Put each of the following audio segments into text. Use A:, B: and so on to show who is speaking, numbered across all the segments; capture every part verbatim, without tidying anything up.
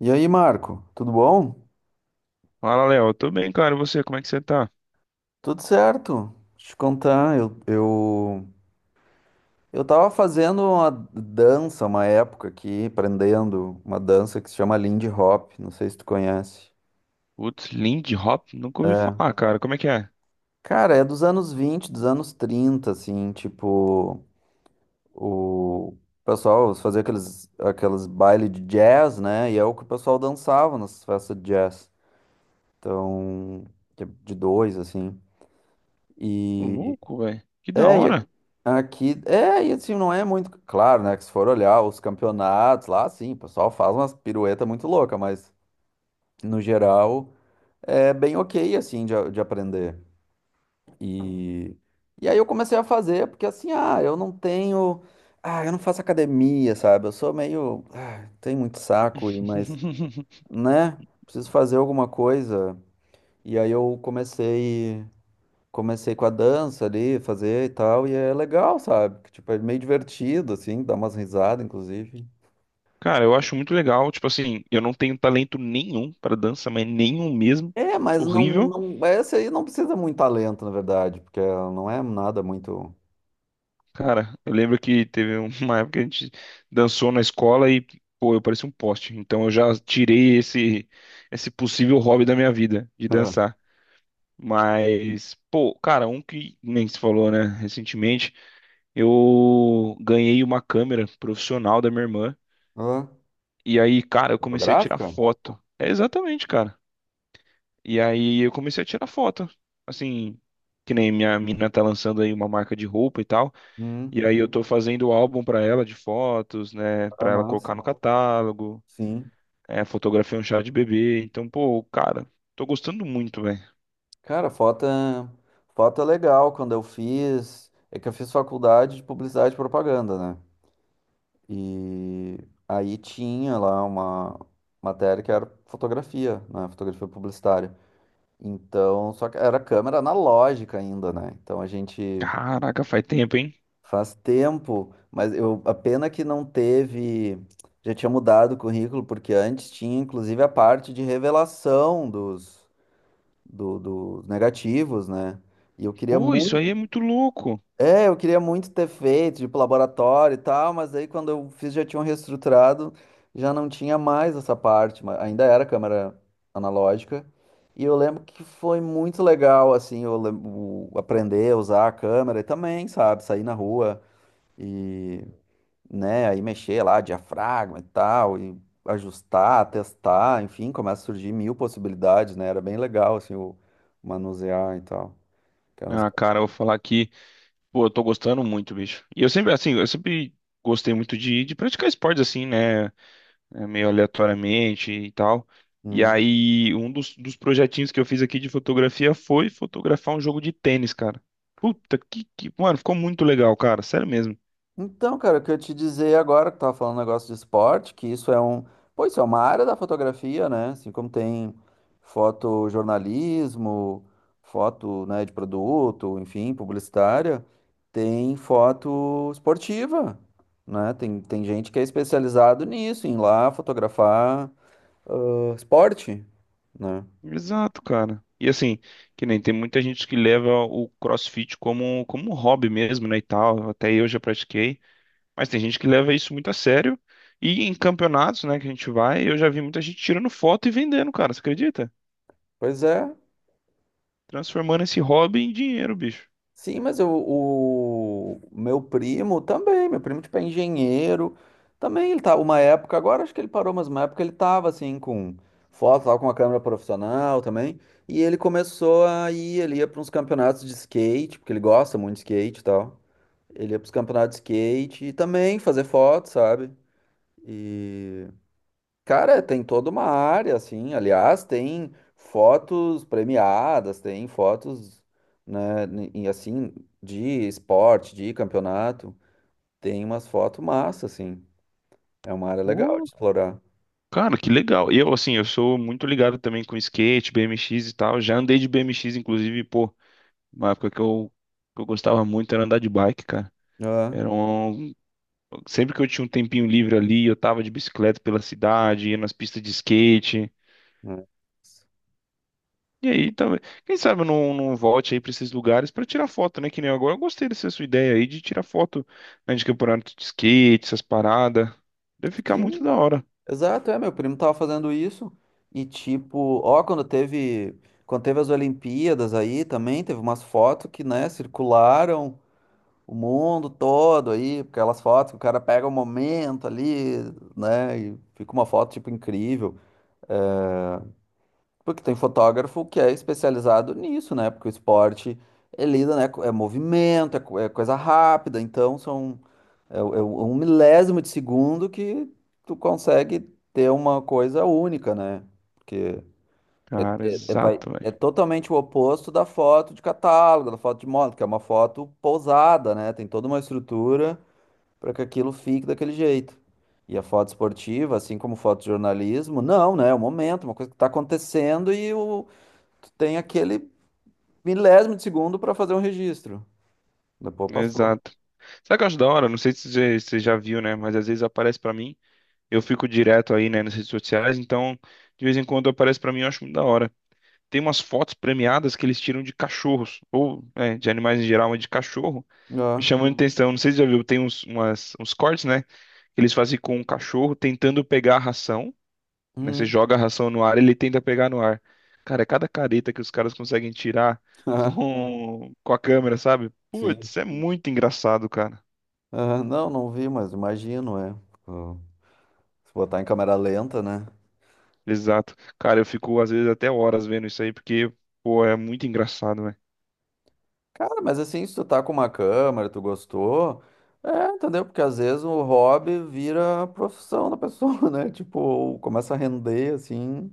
A: E aí, Marco, tudo bom?
B: Fala, Léo. Tô bem, cara. E você, como é que você tá?
A: Tudo certo. Deixa eu te contar, eu, eu, eu tava fazendo uma dança uma época aqui, aprendendo uma dança que se chama Lindy Hop, não sei se tu conhece.
B: Putz, Lindy Hop? Nunca ouvi falar, cara. Como é que é?
A: Cara, é dos anos vinte, dos anos trinta, assim, tipo, o pessoal fazia aqueles, aqueles bailes de jazz, né? E é o que o pessoal dançava nas festas de jazz. Então, de de dois, assim. e
B: Louco, velho. Que da
A: É, e
B: hora.
A: a- aqui, é, e assim, não é muito claro, né? Que se for olhar os campeonatos lá, sim, o pessoal faz umas piruetas muito loucas, mas no geral é bem ok, assim, de, a- de aprender. E, e aí eu comecei a fazer, porque assim, ah, eu não tenho, ah, eu não faço academia, sabe? Eu sou meio, ah, tenho muito saco, e- mas, né? Preciso fazer alguma coisa. E aí eu comecei. comecei com a dança ali, fazer e tal, e é legal, sabe? Que, tipo, é meio divertido, assim, dá umas risadas, inclusive.
B: Cara, eu acho muito legal. Tipo assim, eu não tenho talento nenhum pra dança, mas nenhum mesmo.
A: É, mas
B: Sou
A: não,
B: horrível.
A: não, essa aí não precisa muito talento, na verdade, porque ela não é nada muito…
B: Cara, eu lembro que teve uma época que a gente dançou na escola e, pô, eu parecia um poste. Então eu já tirei esse, esse possível hobby da minha vida, de
A: Ah,
B: dançar. Mas, pô, cara, um que nem se falou, né, recentemente. Eu ganhei uma câmera profissional da minha irmã.
A: ah,
B: E aí, cara, eu comecei a tirar
A: fotográfica.
B: foto. É exatamente, cara. E aí eu comecei a tirar foto. Assim, que nem minha mina tá lançando aí uma marca de roupa e tal.
A: Hum,
B: E aí eu tô fazendo o álbum pra ela de fotos, né?
A: é
B: Pra ela
A: massa.
B: colocar no catálogo.
A: Sim.
B: É, fotografia é um chá de bebê. Então, pô, cara, tô gostando muito, velho.
A: Cara, foto, é- foto é legal. Quando eu fiz, é que eu fiz faculdade de publicidade e propaganda, né? E aí tinha lá uma matéria que era fotografia, né? Fotografia publicitária. Então, só que era câmera analógica ainda, né? Então a gente…
B: Caraca, faz tempo, hein?
A: faz tempo, mas eu, a pena que não teve, já tinha mudado o currículo, porque antes tinha inclusive a parte de revelação dos, do- dos negativos, né? E eu queria
B: Pô, isso aí
A: muito,
B: é muito louco.
A: é, eu queria muito ter feito, tipo, laboratório e tal, mas aí quando eu fiz já tinham reestruturado, já não tinha mais essa parte, mas ainda era câmera analógica. E eu lembro que foi muito legal, assim, eu lem- o- aprender a usar a câmera e também, sabe, sair na rua e, né, aí mexer lá, diafragma e tal, e ajustar, testar, enfim, começa a surgir mil possibilidades, né, era bem legal, assim, o manusear e tal. Que eram as-
B: Ah, cara, eu vou falar que. Pô, eu tô gostando muito, bicho. E eu sempre, assim, eu sempre gostei muito de, de praticar esportes, assim, né? É, meio aleatoriamente e tal. E
A: Hum.
B: aí, um dos, dos projetinhos que eu fiz aqui de fotografia foi fotografar um jogo de tênis, cara. Puta, que, que... Mano, ficou muito legal, cara. Sério mesmo.
A: Então, cara, o que eu te dizer agora, que tu tava falando um negócio de esporte, que isso é um, pô, isso é uma área da fotografia, né? Assim como tem fotojornalismo, foto, né, de produto, enfim, publicitária, tem foto esportiva, né? Tem, tem gente que é especializado nisso, em ir lá fotografar, ah, esporte, né?
B: Exato, cara. E assim, que nem tem muita gente que leva o CrossFit como, como um hobby mesmo, né, e tal. Até eu já pratiquei. Mas tem gente que leva isso muito a sério. E em campeonatos, né, que a gente vai, eu já vi muita gente tirando foto e vendendo, cara. Você acredita?
A: Pois é.
B: Transformando esse hobby em dinheiro, bicho.
A: Sim, mas eu- o meu primo também, meu primo tipo é engenheiro, também ele tá uma época, agora acho que ele parou, mas uma época ele tava assim com foto, tava com uma câmera profissional também, e ele começou a ir, ele ia para uns campeonatos de skate, porque ele gosta muito de skate e tal. Ele ia para os campeonatos de skate e também fazer foto, sabe? E, cara, tem toda uma área, assim. Aliás, tem fotos premiadas, tem fotos, né, n- e assim, de esporte, de campeonato. Tem umas fotos massa, assim. É uma área legal
B: Uh,
A: de explorar.
B: cara, que legal. Eu, assim, eu sou muito ligado também com skate, B M X e tal. Já andei de B M X, inclusive, pô, uma época que eu, que eu gostava muito era andar de bike, cara.
A: Ah,
B: Era um... Sempre que eu tinha um tempinho livre ali, eu tava de bicicleta pela cidade, ia nas pistas de skate.
A: né.
B: E aí, talvez. Quem sabe eu não, não volte aí pra esses lugares pra tirar foto, né? Que nem agora. Eu gostei dessa sua ideia aí de tirar foto, né, de campeonato de skate, essas paradas. Deve ficar muito
A: Sim,
B: da hora.
A: exato. É, meu primo tava fazendo isso. E tipo, ó, quando teve, quando teve as Olimpíadas aí também, teve umas fotos que, né, circularam o mundo todo aí, porque aquelas fotos que o cara pega o momento ali, né? E fica uma foto, tipo, incrível. Porque tem fotógrafo que é especializado nisso, né? Porque o esporte, ele lida, né? co- É movimento, é, co- é coisa rápida, então são… É, o- é o- um milésimo de segundo que tu consegue ter uma coisa única, né? Porque é,
B: Cara,
A: é, é vai,
B: exato,
A: é
B: velho.
A: totalmente o oposto da foto de catálogo, da foto de moda, que é uma foto pousada, né? Tem toda uma estrutura para que aquilo fique daquele jeito. E a foto esportiva, assim como foto de jornalismo, não, né? É o momento, uma coisa que está acontecendo e o, tu tem aquele milésimo de segundo para fazer um registro. Depois passou.
B: Exato. Sabe o que eu acho da hora? Não sei se você você já viu, né? Mas às vezes aparece pra mim. Eu fico direto aí, né, nas redes sociais. Então, de vez em quando aparece pra mim, eu acho muito da hora. Tem umas fotos premiadas que eles tiram de cachorros, ou é, de animais em geral, mas de cachorro. Me
A: Ah.
B: chamou a atenção. Não sei se já viu, tem uns, umas- uns cortes, né? Que eles fazem com um cachorro tentando pegar a ração, né? Você
A: Hum.
B: joga a ração no ar, ele tenta pegar no ar. Cara, é cada careta que os caras conseguem tirar
A: Ah,
B: com, com a câmera, sabe?
A: sim.
B: Putz, é muito engraçado, cara.
A: Ah, não, não vi, mas imagino, é. Ah, Se botar em câmera lenta, né?
B: Exato. Cara, eu fico às vezes até horas vendo isso aí, porque, pô, é muito engraçado, né?
A: Cara, mas assim, se tu tá com uma câmera, tu gostou, é, entendeu? Porque às vezes o hobby vira a profissão da pessoa, né? Tipo, começa a render, assim.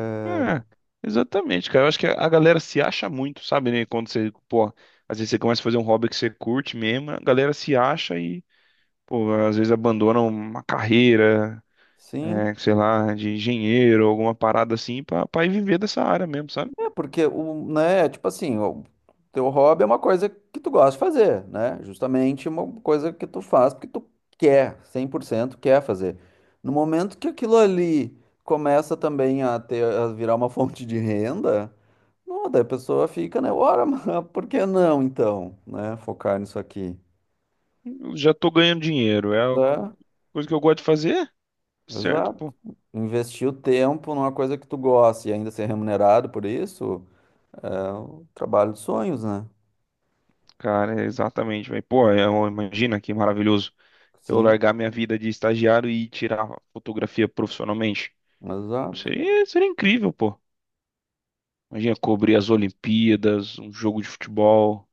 A: É.
B: É, exatamente, cara. Eu acho que a galera se acha muito, sabe, né? Quando você, pô, às vezes você começa a fazer um hobby que você curte mesmo, a galera se acha. Pô, às vezes abandonam uma carreira,
A: Sim,
B: é, sei lá, de engenheiro, alguma parada assim, pra, pra ir viver dessa área mesmo, sabe?
A: é porque o, né, tipo assim, o teu hobby é uma coisa que tu gosta de fazer, né? Justamente uma coisa que tu faz porque tu quer, cem por cento quer fazer. No momento que aquilo ali começa também a ter, a virar uma fonte de renda, não, daí a pessoa fica, né? Ora, mas por que não então, né? Focar nisso aqui.
B: Eu já tô ganhando dinheiro, é a
A: É,
B: co- coisa que eu gosto de fazer, certo,
A: exato.
B: pô.
A: Investir o tempo numa coisa que tu gosta e ainda ser remunerado por isso, é o trabalho dos sonhos, né?
B: Cara, é exatamente, velho. Pô, é uma- imagina que maravilhoso eu
A: Sim.
B: largar minha vida de estagiário e tirar fotografia profissionalmente.
A: Exato.
B: Seria, seria incrível, pô. Imagina cobrir as Olimpíadas, um jogo de futebol.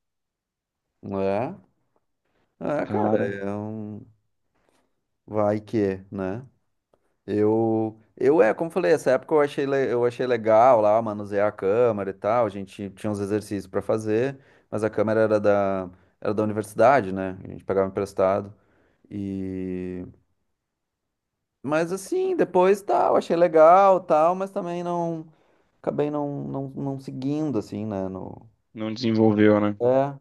A: É, é, cara,
B: Cara,
A: é um vai que, né? Eu, eu é, como falei, essa época eu achei, le- eu achei legal lá, manusear a câmera e tal, a gente tinha uns exercícios pra fazer, mas a câmera era da, era da universidade, né? A gente pegava emprestado e… Mas assim, depois tal, achei legal tal, mas também não, acabei não, não, não seguindo, assim, né? No…
B: não desenvolveu, né?
A: É.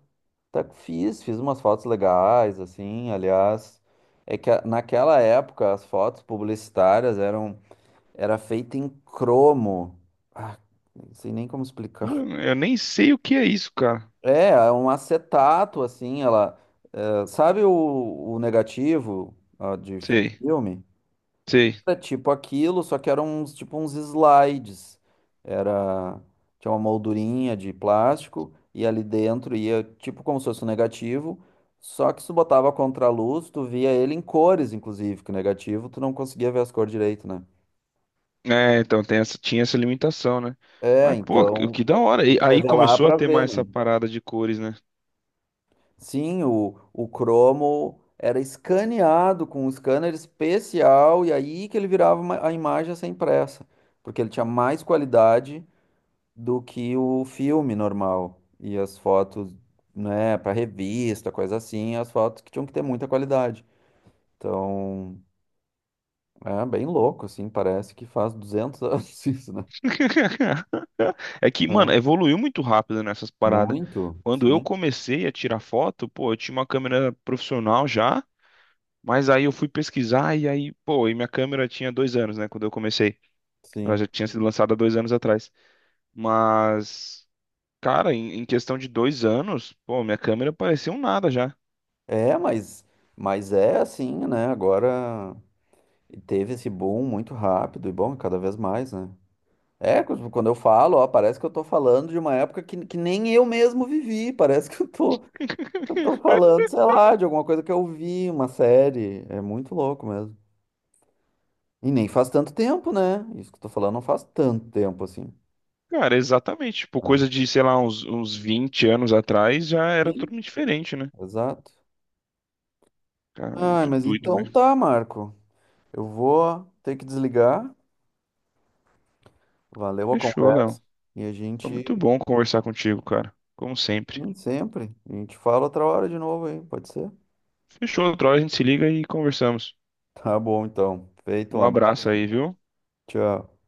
A: Tá, fiz, fiz umas fotos legais, assim, aliás. É que a- naquela época as fotos publicitárias eram era feita em cromo. Ah, não sei nem como
B: Pô,
A: explicar.
B: eu nem sei o que é isso, cara.
A: É, é um acetato, assim, ela. Eh, sabe o, o negativo, ó, de, de
B: Sei.
A: filme?
B: Sei.
A: Era tipo aquilo, só que eram uns, tipo uns slides. Era, tinha uma moldurinha de plástico e ali dentro ia tipo como se fosse um negativo, só que se tu botava a contraluz, tu via ele em cores, inclusive, que o negativo tu não conseguia ver as cores direito, né?
B: É, então tem essa, tinha essa limitação, né?
A: É,
B: Mas, pô, que,
A: então
B: que da hora. E aí
A: revelar
B: começou a
A: para
B: ter
A: ver,
B: mais essa
A: né?
B: parada de cores, né?
A: Sim, o, o cromo era escaneado com um scanner especial e aí que ele virava uma- a imagem a ser impressa, porque ele tinha mais qualidade do que o filme normal. E as fotos, né, para revista, coisa assim, as fotos que tinham que ter muita qualidade. Então, é bem louco, assim, parece que faz duzentos anos isso, né?
B: É que, mano,
A: É.
B: evoluiu muito rápido nessas paradas.
A: Muito,
B: Quando eu
A: sim,
B: comecei a tirar foto, pô, eu tinha uma câmera profissional já, mas aí eu fui pesquisar e aí, pô, e minha câmera tinha dois anos, né? Quando eu comecei. Ela
A: sim.
B: já tinha sido lançada há dois anos atrás. Mas, cara, em, em questão de dois anos, pô, minha câmera parecia um nada já.
A: É, mas, mas é assim, né? Agora teve esse boom muito rápido e bom, cada vez mais, né? É, quando quando eu falo, ó, parece que eu tô falando de uma época que, que nem eu mesmo vivi, parece que eu tô, Eu tô falando, sei lá, de alguma coisa que eu vi, uma série. É muito louco mesmo. E nem faz tanto tempo, né? Isso que eu tô falando não faz tanto tempo assim.
B: Cara, exatamente. Tipo,
A: É.
B: coisa de, sei lá, uns, uns vinte anos atrás já era
A: Sim,
B: totalmente diferente, né?
A: exato.
B: Cara,
A: Ai,
B: muito
A: mas
B: doido
A: então
B: mesmo.
A: tá, Marco. Eu vou ter que desligar. Valeu a
B: Fechou,
A: conversa.
B: Léo.
A: E a
B: Foi muito
A: gente,
B: bom conversar contigo, cara. Como sempre.
A: hum, sempre, a gente fala outra hora de novo aí, pode ser?
B: Fechou, outra hora a gente se liga e conversamos.
A: Tá bom, então. Feito, um
B: Um
A: abraço.
B: abraço aí, viu?
A: Tchau.